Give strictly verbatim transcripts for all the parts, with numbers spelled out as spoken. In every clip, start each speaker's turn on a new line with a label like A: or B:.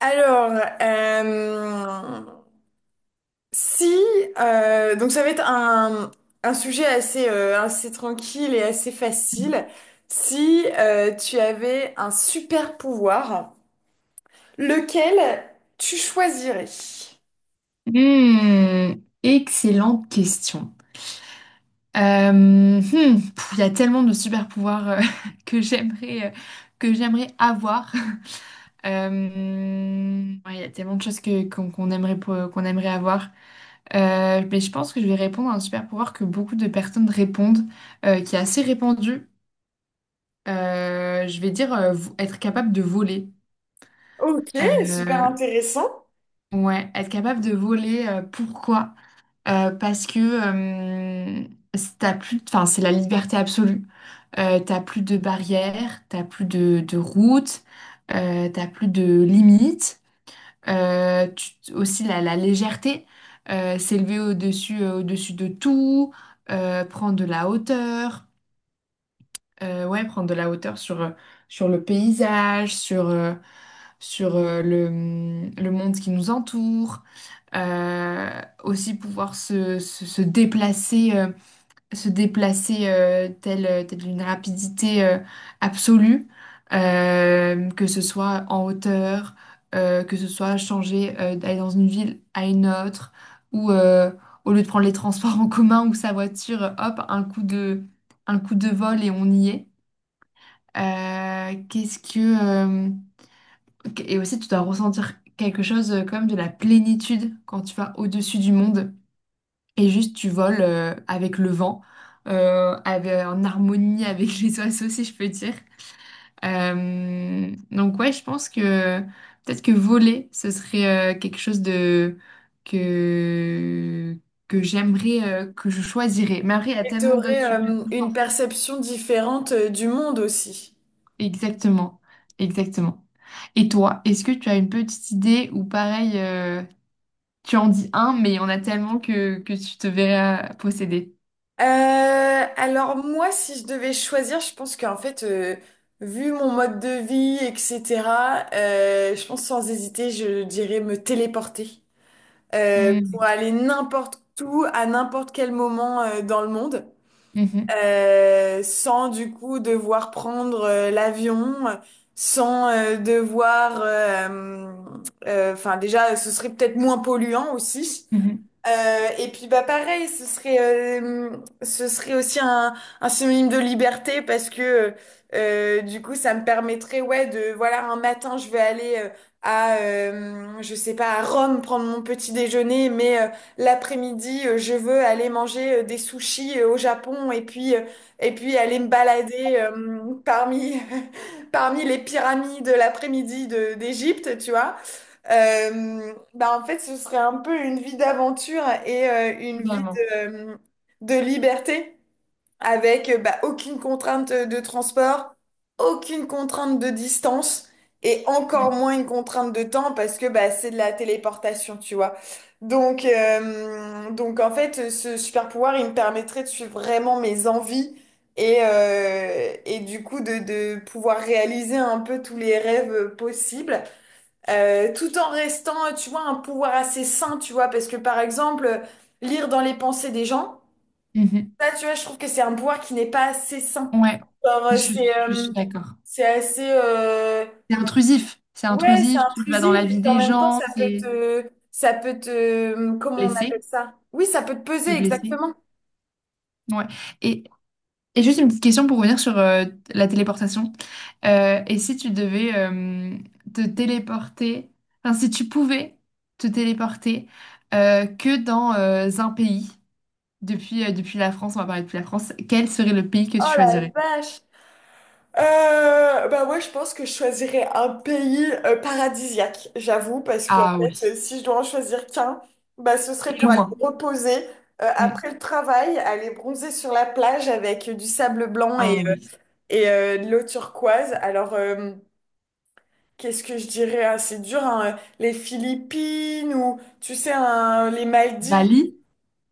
A: Alors, euh, si, euh, donc ça va être un, un sujet assez, euh, assez tranquille et assez facile. Si euh, tu avais un super pouvoir, lequel tu choisirais?
B: Hmm, Excellente question. Euh, hmm, pff, il y a tellement de super pouvoirs euh, que j'aimerais euh, que j'aimerais avoir. Euh, ouais, il y a tellement de choses que qu'on qu'on aimerait po- qu'on aimerait avoir. Euh, mais je pense que je vais répondre à un super pouvoir que beaucoup de personnes répondent, euh, qui est assez répandu. Euh, je vais dire euh, vo- être capable de voler.
A: Ok, super
B: Euh,
A: intéressant.
B: ouais, être capable de voler. Euh, pourquoi? Euh, parce que euh, c'est- t'as plus, enfin, c'est la liberté absolue. Euh, t'as plus de barrières, t'as plus de, de routes, euh, t'as plus de limites. Euh, tu- aussi la, la légèreté, euh, s'élever au-dessus, euh, au-dessus de tout, euh, prendre de la hauteur. Euh, ouais, prendre de la hauteur sur, euh, sur le paysage, sur, euh, sur euh, le, hum, le monde qui nous entoure. Euh, aussi pouvoir se, se, se déplacer, euh, se déplacer euh, telle, euh, telle une rapidité euh, absolue. Euh, que ce soit en hauteur, euh, que ce soit changer, euh, d'aller dans une ville à une autre, ou euh, au lieu de prendre les transports en commun ou sa voiture, hop, un coup de, un coup de vol et on y est. Euh, qu'est-ce que... euh, et aussi, tu dois ressentir quelque chose euh, comme de la plénitude quand tu vas au-dessus du monde et juste tu voles euh, avec le vent, euh, avec- euh, en harmonie avec les oiseaux, si je peux dire. Euh, donc ouais, je pense que peut-être que voler, ce serait euh, quelque chose de... que, que j'aimerais, euh, que je choisirais. Mais après, il y a
A: Et tu
B: tellement d'autres
A: aurais
B: super
A: une
B: pouvoirs.
A: perception différente euh, du monde aussi.
B: Exactement, exactement. Et toi, est-ce que tu as une petite idée ou pareil, euh, tu en dis un, mais il y en a tellement que, que tu te verras posséder.
A: Euh, alors moi, si je devais choisir, je pense qu'en fait, euh, vu mon mode de vie, et cetera, euh, je pense sans hésiter, je dirais me téléporter euh, pour
B: Mm,
A: aller n'importe où, à n'importe quel moment euh, dans le monde,
B: mhm,
A: euh, sans du coup devoir prendre euh, l'avion, sans euh, devoir... euh, euh, Enfin déjà, ce serait peut-être moins polluant aussi.
B: mhm.
A: Euh, et puis bah pareil, ce serait euh, ce serait aussi un, un synonyme de liberté parce que euh, du coup ça me permettrait ouais de voilà un matin je vais aller euh, à euh, je sais pas à Rome prendre mon petit déjeuner mais euh, l'après-midi euh, je veux aller manger euh, des sushis euh, au Japon et puis euh, et puis aller me balader euh, parmi parmi les pyramides l'après-midi de- d'Égypte, tu vois. Euh, bah en fait, ce serait un peu une vie d'aventure et euh, une vie
B: Totalement.
A: de, euh, de liberté avec euh, bah, aucune contrainte de transport, aucune contrainte de distance et encore
B: Mm,
A: moins une contrainte de temps parce que bah, c'est de la téléportation, tu vois. Donc, euh, donc en fait, ce super pouvoir, il me permettrait de suivre vraiment mes envies et, euh, et du coup de, de pouvoir réaliser un peu tous les rêves possibles. Euh, tout en restant, tu vois, un pouvoir assez sain, tu vois, parce que par exemple, euh, lire dans les pensées des gens,
B: mhm.
A: ça, tu vois, je trouve que c'est un pouvoir qui n'est pas assez sain.
B: Ouais,
A: Genre, euh,
B: je,
A: c'est
B: je
A: euh,
B: suis d'accord.
A: c'est assez, euh,
B: C'est intrusif, c'est
A: ouais, c'est
B: intrusif, tu vas dans
A: intrusif,
B: la
A: et
B: vie
A: puis en
B: des
A: même temps,
B: gens,
A: ça peut
B: c'est
A: te, ça peut te, comment on appelle
B: blessé,
A: ça? Oui, ça peut te
B: te
A: peser,
B: blesser.
A: exactement.
B: Ouais. Et, et juste une petite question pour revenir sur euh, la téléportation. Euh, et si tu devais euh, te téléporter, enfin si tu pouvais te téléporter euh, que dans euh, un pays, depuis, euh, depuis la France, on va parler depuis la France, quel serait le pays que tu
A: Oh la
B: choisirais?
A: vache! Euh, bah ouais, je pense que je choisirais un pays euh, paradisiaque, j'avoue, parce que en
B: Ah oui.
A: fait, euh, si je dois en choisir qu'un, bah ce serait
B: Et
A: pour aller
B: loin.
A: me reposer euh, après
B: Mm.
A: le travail, aller bronzer sur la plage avec euh, du sable blanc
B: Ah
A: et, euh,
B: oui.
A: et euh, de l'eau turquoise. Alors, euh, qu'est-ce que je dirais? Ah, c'est dur, hein, euh, les Philippines ou tu sais, un- les Maldives,
B: Bali,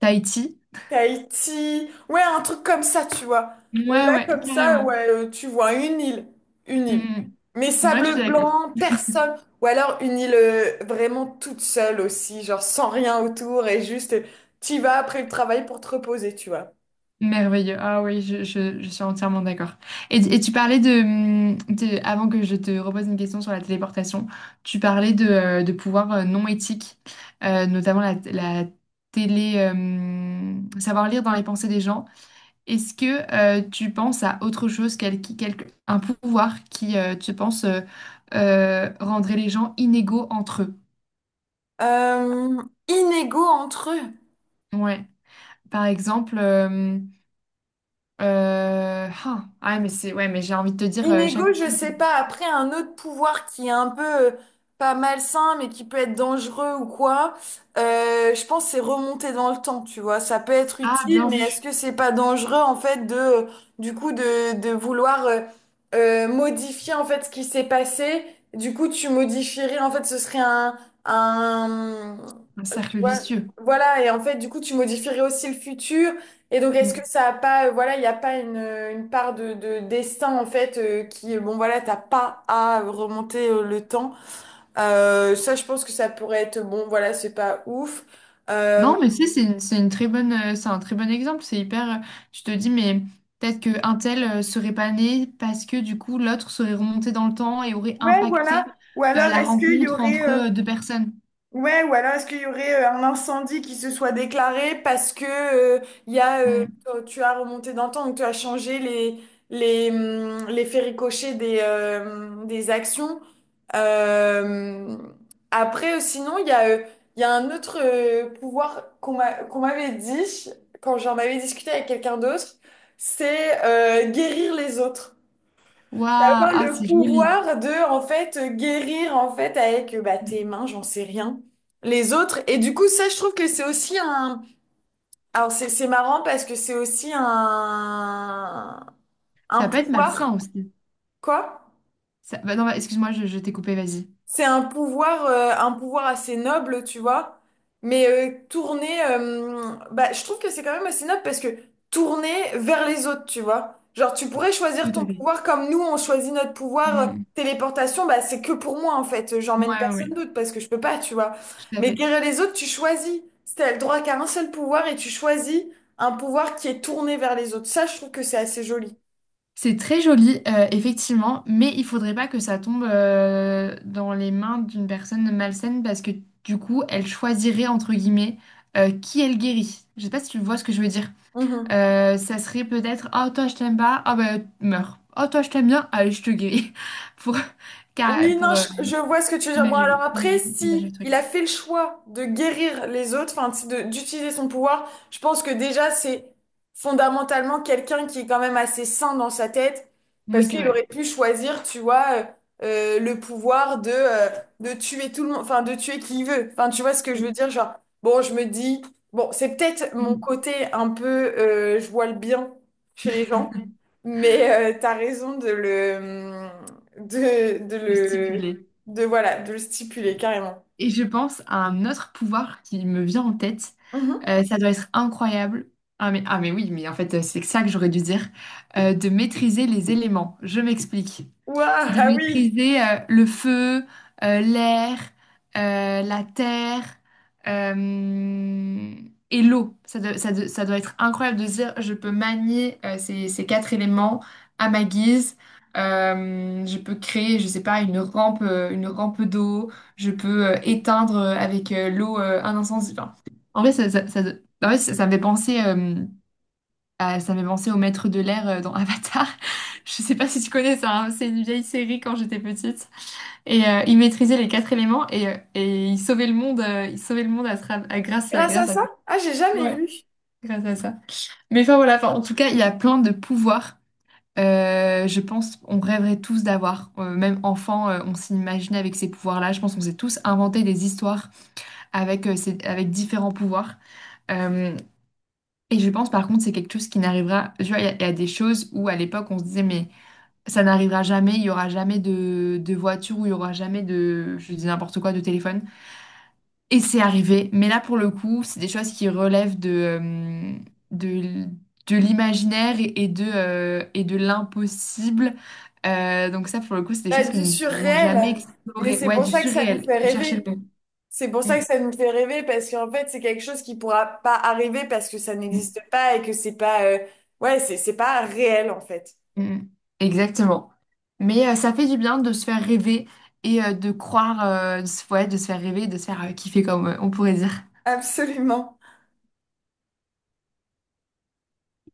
B: Tahiti.
A: Tahiti, ouais, un truc comme ça, tu vois. Euh,
B: Ouais,
A: Là,
B: ouais,
A: comme ça,
B: carrément.
A: ouais, euh, tu vois une île, une île.
B: Mm.
A: Mais
B: Ouais, je suis
A: sable
B: d'accord.
A: blanc, personne. Ou alors une île euh, vraiment toute seule aussi, genre sans rien autour et juste euh, t'y vas après le travail pour te reposer, tu vois.
B: Merveilleux. Ah oui, je, je- je suis entièrement d'accord. Et, et tu parlais de, hum, de- avant que je te repose une question sur la téléportation, tu parlais de, euh, de pouvoirs euh, non éthiques, euh, notamment la, la télé, hum, savoir lire dans les pensées des gens. Est-ce que euh, tu penses à autre chose, quel, qui- quel- un pouvoir qui, euh, tu penses, euh, euh, rendrait les gens inégaux entre eux?
A: Euh, inégaux entre eux.
B: Ouais. Par exemple, euh, euh, ah, ah, mais c'est, ouais, mais j'ai envie de te dire
A: Une
B: euh, chaque.
A: je sais pas. Après, un autre pouvoir qui est un peu euh, pas malsain, mais qui peut être dangereux ou quoi, euh, je pense que c'est remonter dans le temps, tu vois. Ça peut être
B: Ah,
A: utile,
B: bien
A: mais est-ce
B: vu.
A: que c'est pas dangereux, en fait, de, euh, du coup, de, de vouloir euh, euh, modifier, en fait, ce qui s'est passé? Du coup, tu modifierais, en fait, ce serait un, un,
B: Un cercle
A: Ouais,
B: vicieux.
A: voilà, et en fait, du coup, tu modifierais aussi le futur. Et donc, est-ce que
B: Mm.
A: ça a pas, euh, voilà, il n'y a pas une, euh, une part de, de destin, en fait, euh, qui, euh, bon, voilà, t'as pas à remonter euh, le temps. Euh, ça, je pense que ça pourrait être, bon, voilà, c'est pas ouf. Euh,
B: Non, mais c'est c'est une, c'est une très bonne, euh, c'est un très bon exemple. C'est hyper. euh, Tu te dis, mais peut-être qu'un tel euh, serait pas né parce que du coup, l'autre serait remonté dans le temps et aurait
A: ouais, voilà.
B: impacté
A: Ou
B: euh,
A: alors,
B: la
A: est-ce qu'il y
B: rencontre
A: aurait
B: entre
A: euh,
B: euh, deux personnes.
A: ouais, ou alors est-ce qu'il y aurait euh, un incendie qui se soit déclaré parce que euh, il y a, euh,
B: Mm.
A: tu as remonté dans le temps, donc tu as changé les, les, hum, les faits ricochets des, euh, des actions. Euh, Après, euh, sinon, il y a, euh, il y a un autre euh, pouvoir qu'on m'a- qu'on m'avait dit quand j'en avais discuté avec quelqu'un d'autre, c'est euh, guérir les autres.
B: Waouh,
A: Avoir
B: ah,
A: le
B: c'est joli.
A: pouvoir de en fait guérir en fait avec bah, tes
B: Mm.
A: mains, j'en sais rien, les autres. Et du coup, ça, je trouve que c'est aussi un. Alors c'est c'est marrant parce que c'est aussi un un
B: Ça peut être
A: pouvoir
B: malsain aussi.
A: quoi?
B: Ça- bah non, bah, excuse-moi, je, je t'ai coupé, vas-y.
A: C'est un pouvoir, euh, un pouvoir assez noble, tu vois. Mais euh, tourner, euh, bah, je trouve que c'est quand même assez noble parce que tourner vers les autres, tu vois. Genre, tu pourrais choisir
B: Tout
A: ton
B: à fait.
A: pouvoir comme nous, on choisit notre pouvoir euh,
B: Mm.
A: téléportation, bah, c'est que pour moi, en fait.
B: Ouais,
A: J'emmène
B: ouais,
A: personne
B: ouais.
A: d'autre parce que je peux pas, tu vois.
B: Tout à
A: Mais
B: fait.
A: guérir les autres, tu choisis. Si t'as le droit qu'à un seul pouvoir et tu choisis un pouvoir qui est tourné vers les autres. Ça, je trouve que c'est assez joli.
B: C'est très joli, euh, effectivement, mais il faudrait pas que ça tombe euh, dans les mains d'une personne malsaine parce que du coup, elle choisirait entre guillemets euh, qui elle guérit. Je sais pas si tu vois ce que je veux dire.
A: Mhm.
B: Euh, ça serait peut-être: oh toi je t'aime pas, ah bah meurs. Oh toi je t'aime bien, allez je te guéris pour car-
A: Oui, non,
B: pour euh,
A: je, je vois ce que tu veux dire. Bon, alors
B: imaginer,
A: après,
B: imaginer- imaginer
A: si
B: le
A: il
B: truc.
A: a fait le choix de guérir les autres, enfin, si de- d'utiliser son pouvoir, je pense que déjà, c'est fondamentalement quelqu'un qui est quand même assez sain dans sa tête, parce
B: Oui, c'est
A: qu'il
B: vrai.
A: aurait pu choisir, tu vois, euh, euh, le pouvoir de, euh, de tuer tout le monde, enfin, de tuer qui il veut. Enfin, tu vois ce que je veux
B: Oui.
A: dire? Genre, bon, je me dis, bon, c'est peut-être mon
B: On
A: côté un peu, euh, je vois le bien chez les gens. Mais euh, t'as raison de le, hum, de, de
B: peut
A: le
B: stipuler.
A: de voilà de le stipuler carrément.
B: Et je pense à un autre pouvoir qui me vient en tête.
A: Mhm.
B: Euh, ça doit être incroyable. Ah mais, ah mais oui, mais en fait, c'est ça que j'aurais dû dire. Euh, de maîtriser les éléments. Je m'explique:
A: Ouah,
B: de
A: ah oui.
B: maîtriser euh, le feu, euh, l'air, euh, la terre euh, et l'eau. Ça, doit- ça doit ça doit être incroyable de se dire, je peux manier euh, ces, ces quatre éléments à ma guise. Euh, je peux créer, je sais pas, une rampe, euh, une rampe d'eau. Je peux euh, éteindre euh, avec euh, l'eau euh, un incendie. Enfin, en vrai, ça, ça- ça- en vrai, ça- ça me fait penser. Euh, ah, ça m'est pensé au maître de l'air euh, dans Avatar. Je sais pas si tu connais ça, hein, c'est une vieille série quand j'étais petite. Et euh, il maîtrisait les quatre éléments et, euh, et il sauvait le monde, euh, il sauvait le monde à, tra- à- grâce à,
A: Grâce à
B: grâce à...
A: ça? Ah, j'ai jamais
B: Ouais.
A: vu.
B: Grâce à ça. Mais enfin voilà, enfin, en tout cas, il y a plein de pouvoirs. Euh, je pense on rêverait tous d'avoir. Euh, même enfant, euh, on s'imaginait avec ces pouvoirs-là. Je pense qu'on s'est tous inventé des histoires avec, euh, ces- avec différents pouvoirs. Euh, et je pense par contre, c'est quelque chose qui n'arrivera. Tu vois, il y, a il y a des choses où à l'époque on se disait, mais. Ça n'arrivera jamais, il y aura jamais de, de voiture ou il y aura jamais de, je dis n'importe quoi, de téléphone. Et c'est arrivé. Mais là, pour le coup, c'est des choses qui relèvent de, euh, de, l- de l'imaginaire et et de, euh, et de l'impossible. Euh, donc ça, pour le coup, c'est des
A: Bah,
B: choses que
A: du
B: nous ne pouvons jamais
A: surréel. Mais
B: explorer.
A: c'est
B: Ouais,
A: pour
B: du
A: ça que ça nous
B: surréel.
A: fait
B: Chercher
A: rêver.
B: le mot.
A: C'est pour ça
B: Mm,
A: que ça nous fait rêver parce qu'en fait, c'est quelque chose qui pourra pas arriver parce que ça n'existe
B: mm,
A: pas et que c'est pas euh, ouais, c'est c'est pas réel en fait.
B: mm. Mm. Exactement. Mais euh, ça fait du bien de se faire rêver et euh, de croire, euh, de se- ouais, de se faire rêver, de se faire euh, kiffer, comme euh, on pourrait dire.
A: Absolument.